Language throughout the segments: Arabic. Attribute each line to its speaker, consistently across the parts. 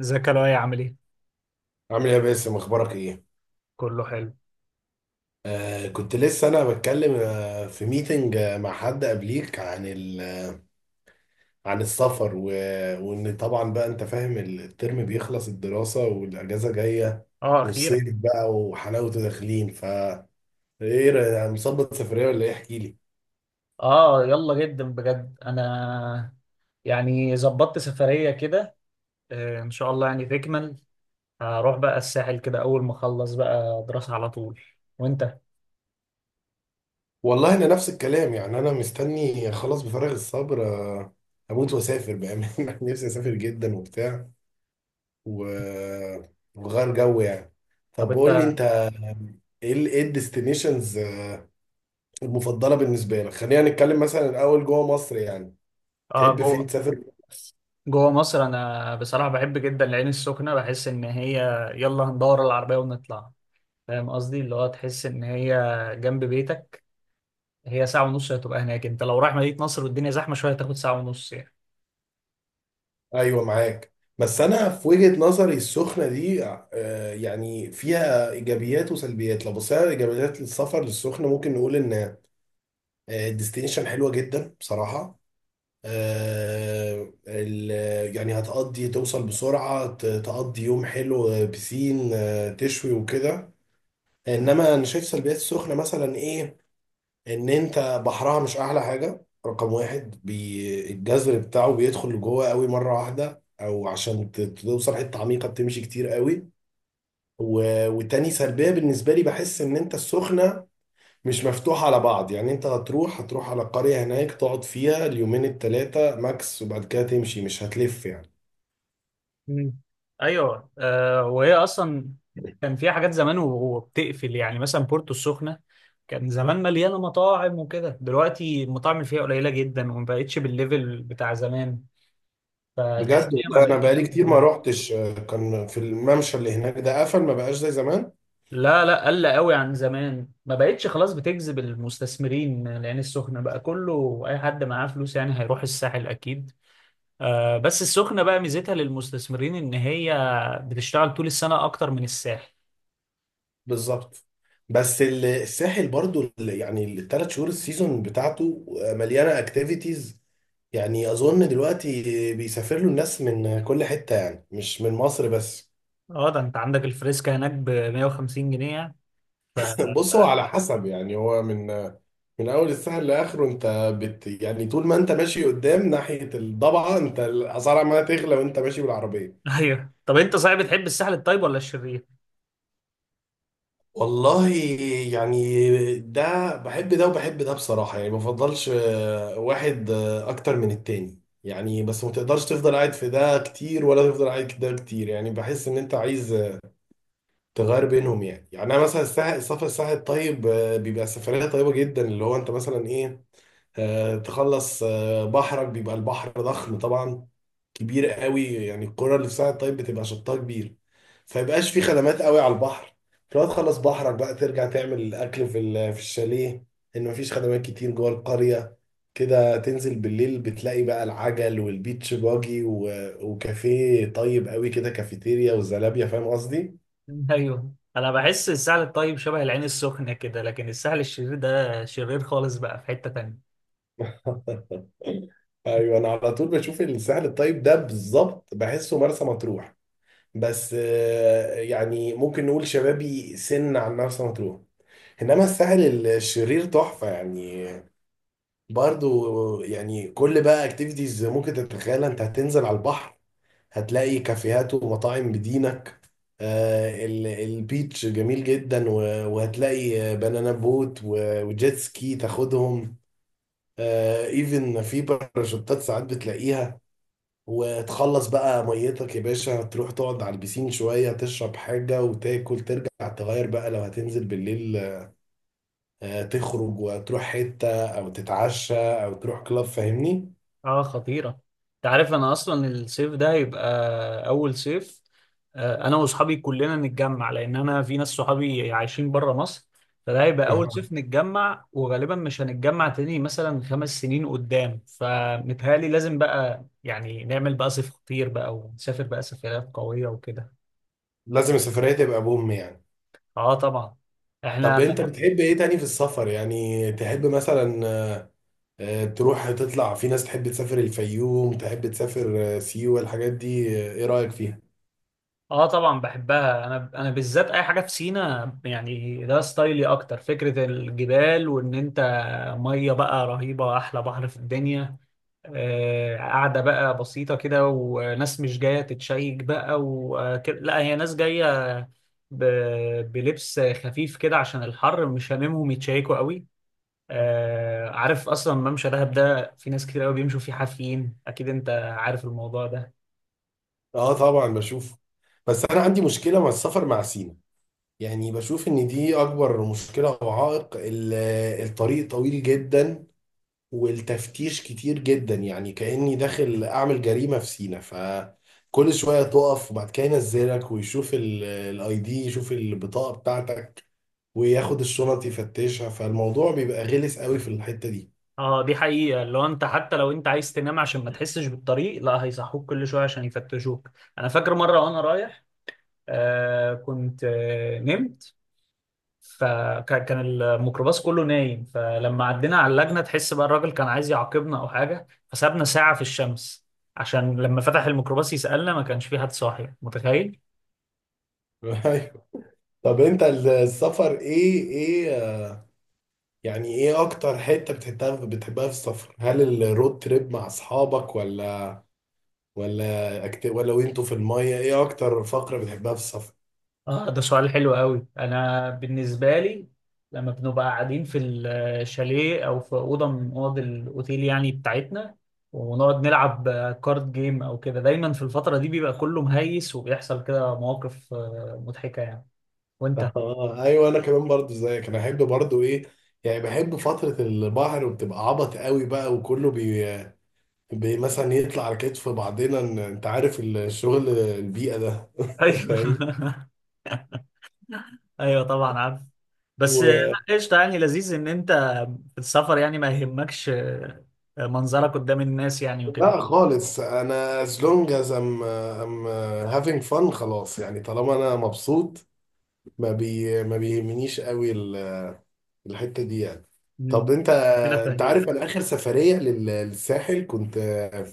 Speaker 1: ازيك يا لؤي؟ عامل ايه؟
Speaker 2: عامل ايه يا باسم اخبارك ايه؟
Speaker 1: كله حلو.
Speaker 2: كنت لسه انا بتكلم في ميتنج مع حد قبليك عن عن السفر وان طبعا بقى انت فاهم الترم بيخلص الدراسة والاجازة جاية،
Speaker 1: اه،
Speaker 2: والصيف
Speaker 1: اخيرا.
Speaker 2: بقى وحلاوته داخلين ايه مظبط سفرية ولا ايه، احكي لي.
Speaker 1: اه يلا، جدا بجد انا، يعني ظبطت سفرية كده. ان شاء الله، يعني تكمل. هروح بقى الساحل كده اول ما اخلص بقى دراسة على طول. وانت؟
Speaker 2: والله انا نفس الكلام، يعني انا مستني خلاص بفارغ الصبر، اموت واسافر بامانه. نفسي اسافر جدا وبتاع و- وغير جو يعني.
Speaker 1: طب
Speaker 2: طب قول لي
Speaker 1: انت.
Speaker 2: انت، ايه الديستنيشنز المفضله بالنسبه لك؟ خلينا نتكلم مثلا الاول جوه مصر يعني،
Speaker 1: اه،
Speaker 2: تحب فين
Speaker 1: جوه.
Speaker 2: تسافر؟
Speaker 1: جوه مصر انا بصراحة بحب جدا العين السخنة، بحس ان هي يلا هندور العربية ونطلع، فاهم قصدي اللي هو تحس ان هي جنب بيتك. هي ساعة ونص هتبقى هناك، انت لو رايح مدينة نصر والدنيا زحمة شوية هتاخد ساعة ونص يعني.
Speaker 2: ايوه معاك، بس انا في وجهه نظري السخنه دي، يعني فيها ايجابيات وسلبيات. لو بصينا على ايجابيات السفر للسخنه، ممكن نقول ان الديستنيشن حلوه جدا بصراحه. يعني هتقضي، توصل بسرعة، تقضي يوم حلو، بسين، تشوي وكده. انما انا شايف سلبيات السخنة مثلا ايه؟ ان انت بحرها مش احلى حاجة رقم واحد، الجذر بتاعه بيدخل جوه قوي مرة واحدة، او عشان توصل حتة عميقة بتمشي كتير قوي. وتاني سلبية بالنسبة لي، بحس ان انت السخنة مش مفتوح على بعض يعني، انت هتروح على قرية هناك تقعد فيها اليومين التلاتة ماكس، وبعد كده تمشي مش هتلف يعني.
Speaker 1: مم. ايوه. وهي اصلا كان فيها حاجات زمان وهو بتقفل، يعني مثلا بورتو السخنه كان زمان مليانه مطاعم وكده، دلوقتي المطاعم اللي فيها قليله جدا وما بقتش بالليفل بتاع زمان. فتحس ان
Speaker 2: بجد
Speaker 1: هي ما
Speaker 2: والله انا
Speaker 1: بقتش
Speaker 2: بقالي كتير
Speaker 1: بتجذب
Speaker 2: ما روحتش، كان في الممشى اللي هناك ده قفل، ما بقاش زي زمان.
Speaker 1: لا لا، قل قوي عن زمان، ما بقتش خلاص بتجذب المستثمرين. العين السخنه بقى كله، اي حد معاه فلوس يعني هيروح الساحل اكيد. بس السخنه بقى ميزتها للمستثمرين ان هي بتشتغل طول السنه اكتر من الساحل.
Speaker 2: بالظبط. بس الساحل برضو يعني الثلاث شهور السيزون بتاعته، مليانة اكتيفيتيز، يعني اظن دلوقتي بيسافر له الناس من كل حتة، يعني مش من مصر بس.
Speaker 1: اه، ده انت عندك الفريسكا هناك ب 150 جنيه يعني. ف...
Speaker 2: بص، هو على حسب يعني، هو من اول السهل لاخره انت يعني طول ما انت ماشي قدام ناحيه الضبعه، انت الاسعار عماله تغلى وانت ماشي بالعربيه.
Speaker 1: ايوه، طب انت صحيح بتحب الساحل الطيب ولا الشرير؟
Speaker 2: والله يعني ده بحب ده وبحب ده بصراحه، يعني ما بفضلش واحد اكتر من التاني يعني، بس ما تقدرش تفضل قاعد في ده كتير ولا تفضل قاعد في ده كتير، يعني بحس ان انت عايز تغير بينهم يعني انا مثلا الساحل، السفر الساحل الطيب، بيبقى سفريه طيبه جدا، اللي هو انت مثلا ايه، تخلص بحرك، بيبقى البحر ضخم طبعا، كبير قوي يعني. القرى اللي في ساعة طيب بتبقى شطها كبير، فيبقاش في خدمات قوي على البحر. فلو تخلص بحرك بقى ترجع تعمل الاكل في في الشاليه، ان مفيش خدمات كتير جوه القرية. كده تنزل بالليل بتلاقي بقى العجل والبيتش باجي وكافيه طيب قوي كده، كافيتيريا والزلابيا، فاهم قصدي؟
Speaker 1: ايوه، انا بحس الساحل الطيب شبه العين السخنة كده، لكن الساحل الشرير ده شرير خالص بقى، في حتة تانية.
Speaker 2: ايوه، انا على طول بشوف الساحل الطيب ده بالظبط بحسه مرسى مطروح. بس يعني ممكن نقول شبابي سن عن مرسى مطروح. انما الساحل الشرير تحفه يعني، برضو يعني كل بقى اكتيفيتيز ممكن تتخيلها، انت هتنزل على البحر هتلاقي كافيهات ومطاعم بدينك، البيتش جميل جدا، وهتلاقي بنانا بوت وجيت سكي تاخدهم، ايفن في باراشوتات ساعات بتلاقيها. وتخلص بقى ميتك يا باشا، تروح تقعد على البسين شوية، تشرب حاجة وتاكل، ترجع تغير بقى لو هتنزل بالليل، تخرج وتروح حتة، أو تتعشى، أو تروح كلاب، فاهمني؟
Speaker 1: اه، خطيرة. انت عارف انا اصلا الصيف ده هيبقى اول صيف، انا واصحابي كلنا نتجمع، لان انا في ناس صحابي عايشين بره مصر. فده هيبقى اول صيف نتجمع، وغالبا مش هنتجمع تاني مثلا خمس سنين قدام، فمتهيألي لازم بقى يعني نعمل بقى صيف خطير بقى ونسافر بقى سفريات قوية وكده.
Speaker 2: لازم السفرية تبقى بوم يعني.
Speaker 1: اه طبعا.
Speaker 2: طب
Speaker 1: احنا
Speaker 2: أنت بتحب إيه تاني في السفر؟ يعني تحب مثلا تروح تطلع في ناس، تحب تسافر الفيوم، تحب تسافر سيوة، الحاجات دي، إيه رأيك فيها؟
Speaker 1: اه طبعا بحبها. انا، انا بالذات اي حاجه في سينا يعني، ده ستايلي اكتر، فكره الجبال وان انت ميه بقى رهيبه، احلى بحر في الدنيا. قاعده بقى بسيطه كده، وناس مش جايه تتشيك بقى وكده، لا، هي ناس جايه ب... بلبس خفيف كده عشان الحر، مش هاممهم يتشيكوا قوي. عارف اصلا ممشى دهب ده في ناس كتير قوي بيمشوا فيه حافيين، اكيد انت عارف الموضوع ده.
Speaker 2: آه طبعا بشوف. بس أنا عندي مشكلة مع السفر مع سينا، يعني بشوف ان دي اكبر مشكلة او عائق. الطريق طويل جدا، والتفتيش كتير جدا، يعني كأني داخل اعمل جريمة في سينا. فكل شوية تقف، وبعد كده ينزلك ويشوف الاي دي، يشوف البطاقة بتاعتك وياخد الشنط يفتشها، فالموضوع بيبقى غلس قوي في الحتة دي.
Speaker 1: اه، دي حقيقة، لو انت حتى لو انت عايز تنام عشان ما تحسش بالطريق لا هيصحوك كل شوية عشان يفتشوك. انا فاكر مرة وانا رايح كنت نمت، فكان الميكروباص كله نايم، فلما عدينا على اللجنة تحس بقى الراجل كان عايز يعاقبنا او حاجة، فسابنا ساعة في الشمس، عشان لما فتح الميكروباص يسألنا ما كانش في حد صاحي، متخيل.
Speaker 2: أيوة. طب انت السفر ايه؟ يعني ايه اكتر حتة بتحبها في السفر؟ هل الرود تريب مع اصحابك، ولا وانتوا في المية، ايه اكتر فقرة بتحبها في السفر؟
Speaker 1: اه، ده سؤال حلو قوي. انا بالنسبه لي لما بنبقى قاعدين في الشاليه او في اوضه من اوض الاوتيل يعني بتاعتنا، ونقعد نلعب كارد جيم او كده، دايما في الفتره دي بيبقى كله مهيس، وبيحصل كده مواقف مضحكه يعني. وانت؟
Speaker 2: اه ايوه، انا كمان برضو زيك، انا احب برضو ايه؟ يعني بحب فترة البحر، وبتبقى عبط قوي بقى، وكله بي مثلا يطلع على كتف بعضنا، انت عارف الشغل البيئة ده.
Speaker 1: ايوه.
Speaker 2: فاهم؟
Speaker 1: ايوه طبعا، عارف. بس
Speaker 2: و...
Speaker 1: لا، قشطه، يعني لذيذ ان انت في السفر يعني ما يهمكش منظرك قدام الناس يعني، وكده.
Speaker 2: لا خالص، انا as long as I'm having fun، خلاص يعني، طالما انا مبسوط ما بيهمنيش قوي الحتة دي يعني.
Speaker 1: مم.
Speaker 2: طب انت،
Speaker 1: كده
Speaker 2: انت
Speaker 1: فاهمين.
Speaker 2: عارف انا اخر سفرية للساحل كنت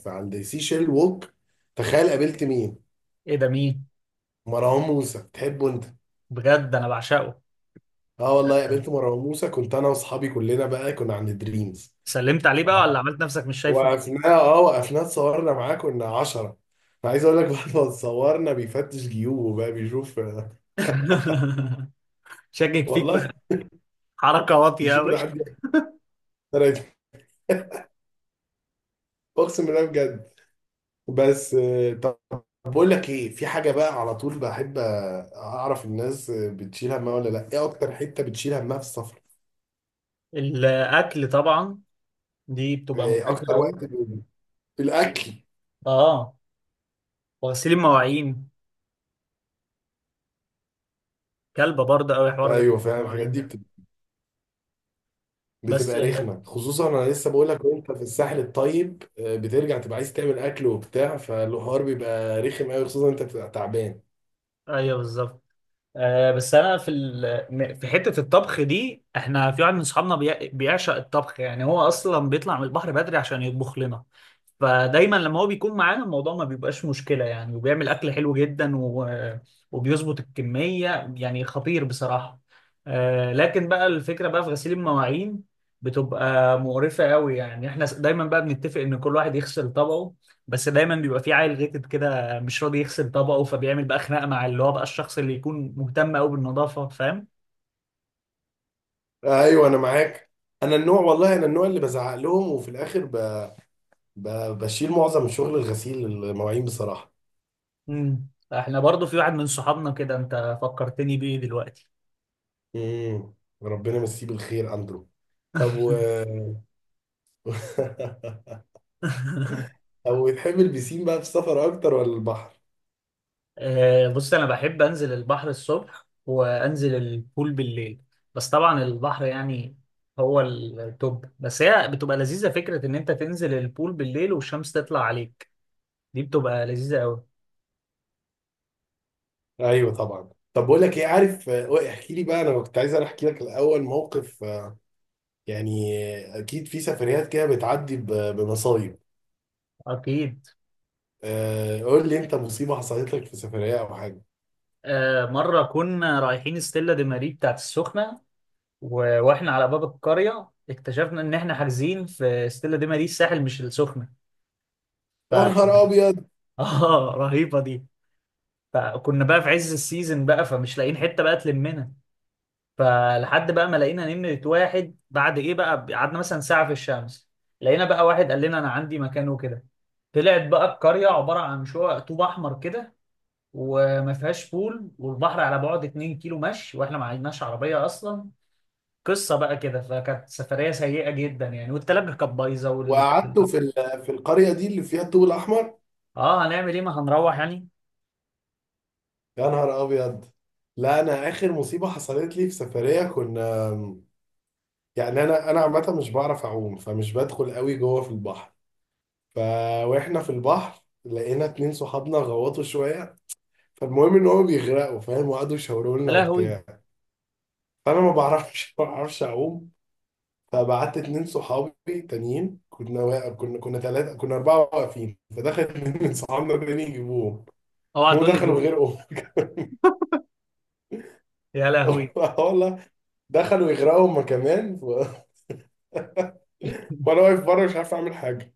Speaker 2: في عند سيشيل ووك، تخيل قابلت مين؟
Speaker 1: ايه ده؟ مين؟
Speaker 2: مروان موسى، تحبه انت؟
Speaker 1: بجد، انا بعشقه.
Speaker 2: اه والله قابلت مروان موسى. كنت انا واصحابي كلنا بقى كنا عند دريمز،
Speaker 1: سلمت عليه بقى، ولا عملت نفسك مش شايفه؟
Speaker 2: وقفنا اتصورنا معاه، كنا عشرة. انا عايز اقول لك بعد ما اتصورنا بيفتش جيوبه بقى بيشوف،
Speaker 1: شاكك فيك
Speaker 2: والله
Speaker 1: بقى. حركة واطية
Speaker 2: بيشوف
Speaker 1: أوي.
Speaker 2: العدد طلعت. اقسم بالله بجد. بس طب بقول لك ايه، في حاجه بقى على طول بحب اعرف الناس بتشيل همها ولا لا، ايه اكتر حته بتشيل همها في السفر؟
Speaker 1: الأكل طبعا، دي بتبقى
Speaker 2: إيه
Speaker 1: مقرفة
Speaker 2: اكتر
Speaker 1: أوي.
Speaker 2: وقت الاكل؟
Speaker 1: آه وغسيل المواعين، كلبة برضه أوي حوار غسيل
Speaker 2: ايوه فعلا، الحاجات
Speaker 1: المواعين
Speaker 2: دي
Speaker 1: ده. بس
Speaker 2: بتبقى رخمه. خصوصا انا لسه بقول لك، وانت في الساحل الطيب، بترجع تبقى عايز تعمل اكل وبتاع، فالحوار بيبقى رخم قوي، خصوصا انت بتبقى تعبان.
Speaker 1: أيوه بالظبط. بس انا في في حته الطبخ دي، احنا في واحد من اصحابنا بيعشق الطبخ، يعني هو اصلا بيطلع من البحر بدري عشان يطبخ لنا، فدايما لما هو بيكون معانا الموضوع ما بيبقاش مشكله يعني، وبيعمل اكل حلو جدا وبيظبط الكميه، يعني خطير بصراحه. لكن بقى الفكره بقى في غسيل المواعين بتبقى مقرفه قوي، يعني احنا دايما بقى بنتفق ان كل واحد يغسل طبقه، بس دايما بيبقى في عيل غيتد كده مش راضي يغسل طبقه، فبيعمل بقى خناقه مع اللي هو بقى الشخص اللي يكون مهتم قوي بالنظافه، فاهم.
Speaker 2: ايوه انا معاك. انا النوع، والله انا النوع اللي بزعق لهم، وفي الاخر ب... بشيل معظم شغل الغسيل المواعين بصراحه.
Speaker 1: امم احنا برضو في واحد من صحابنا كده، انت فكرتني بيه دلوقتي.
Speaker 2: امم ربنا يمسيه بالخير اندرو. طب و طب، وتحب البسين بقى في السفر اكتر ولا البحر؟
Speaker 1: بص، انا بحب انزل البحر الصبح وانزل البول بالليل، بس طبعا البحر يعني هو التوب، بس هي بتبقى لذيذه فكره ان انت تنزل البول بالليل والشمس تطلع عليك، دي بتبقى لذيذه قوي.
Speaker 2: ايوه طبعا. طب بقول لك ايه، عارف، احكي لي بقى. انا كنت عايز انا احكي لك الاول موقف، يعني اكيد في سفريات كده بتعدي بمصايب،
Speaker 1: اكيد.
Speaker 2: قول لي انت مصيبه حصلت لك في سفريه او حاجه.
Speaker 1: مره كنا رايحين ستيلا دي ماري بتاعت السخنه، واحنا على باب القرية اكتشفنا ان احنا حاجزين في ستيلا دي ماريس الساحل مش السخنة. ف
Speaker 2: يا نهار ابيض.
Speaker 1: اه، رهيبة دي. فكنا بقى في عز السيزون بقى، فمش لاقيين حتة بقى تلمنا، فلحد بقى ما لقينا نمرة واحد بعد ايه بقى قعدنا مثلا ساعة في الشمس، لقينا بقى واحد قال لنا انا عندي مكان وكده. طلعت بقى القرية عبارة عن شقق طوب أحمر كده، وما فيهاش بول والبحر على بعد 2 كيلو مشي، واحنا ما عندناش عربية أصلا. قصه بقى كده، فكانت سفريه سيئه جدا يعني، والتلاجه كانت بايظه
Speaker 2: وقعدتوا في في القريه دي اللي فيها الطوب الاحمر؟
Speaker 1: اه، هنعمل ايه، ما هنروح يعني.
Speaker 2: يا نهار ابيض. لا انا اخر مصيبه حصلت لي في سفريه، كنا، يعني انا عامه مش بعرف اعوم، فمش بدخل قوي جوه في البحر. ف واحنا في البحر لقينا اتنين صحابنا غوطوا شويه، فالمهم ان هم بيغرقوا فاهم، وقعدوا يشاوروا لنا
Speaker 1: يا لهوي.
Speaker 2: وبتاع. فانا ما بعرفش، ما بعرفش اعوم. فبعت اتنين صحابي تانيين، كنا واقف، كنا ثلاثه، كنا اربعه واقفين، فدخل اتنين من صحابنا تاني يجيبوهم.
Speaker 1: اوعى
Speaker 2: هم
Speaker 1: تقول لي
Speaker 2: دخلوا
Speaker 1: غيره.
Speaker 2: غرقوا.
Speaker 1: يا لهوي.
Speaker 2: والله، دخلوا يغرقوا هما كمان. وانا واقف بره مش عارف اعمل حاجه.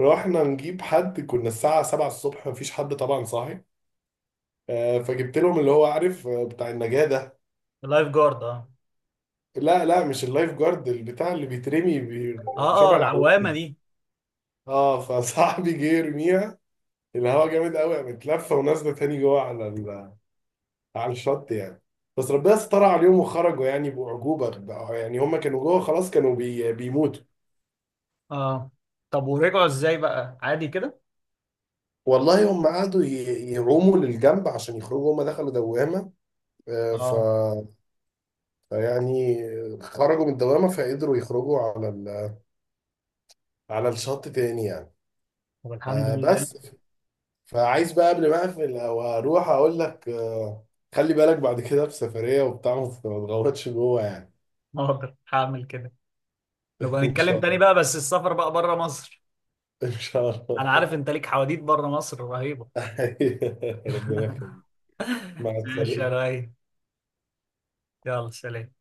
Speaker 2: رحنا نجيب حد، كنا الساعة 7 الصبح مفيش حد طبعا صاحي. فجبت لهم اللي هو عارف، بتاع النجاة ده.
Speaker 1: اللايف جارد، اه.
Speaker 2: لا لا، مش اللايف جارد، البتاع اللي بيترمي،
Speaker 1: اه. اه،
Speaker 2: شبه العوامل.
Speaker 1: العوامه دي.
Speaker 2: اه فصاحبي جه يرميها، الهوا جامد قوي، قامت لفه ونازله تاني جوه على على الشط يعني. بس ربنا ستر عليهم وخرجوا يعني بأعجوبة يعني هم كانوا جوه خلاص، كانوا بيموتوا.
Speaker 1: اه. طب ورجعوا ازاي بقى عادي كده؟
Speaker 2: والله هم قعدوا يعوموا للجنب عشان يخرجوا، هم دخلوا دوامة، آه، ف
Speaker 1: اه.
Speaker 2: يعني خرجوا من الدوامة فقدروا يخرجوا على على الشط تاني يعني.
Speaker 1: طب الحمد لله.
Speaker 2: بس فعايز بقى قبل ما اقفل او اروح اقول لك، خلي بالك بعد كده في سفرية وبتاع ما تغوطش جوه يعني.
Speaker 1: هقدر هعمل كده. نبقى
Speaker 2: ان شاء
Speaker 1: نتكلم تاني
Speaker 2: الله،
Speaker 1: بقى، بس السفر بقى بره مصر.
Speaker 2: ان شاء
Speaker 1: انا عارف
Speaker 2: الله.
Speaker 1: انت ليك حواديت بره مصر رهيبه.
Speaker 2: ربنا يخليك. مع
Speaker 1: ماشي يا
Speaker 2: السلامة.
Speaker 1: راي، يلا سلام.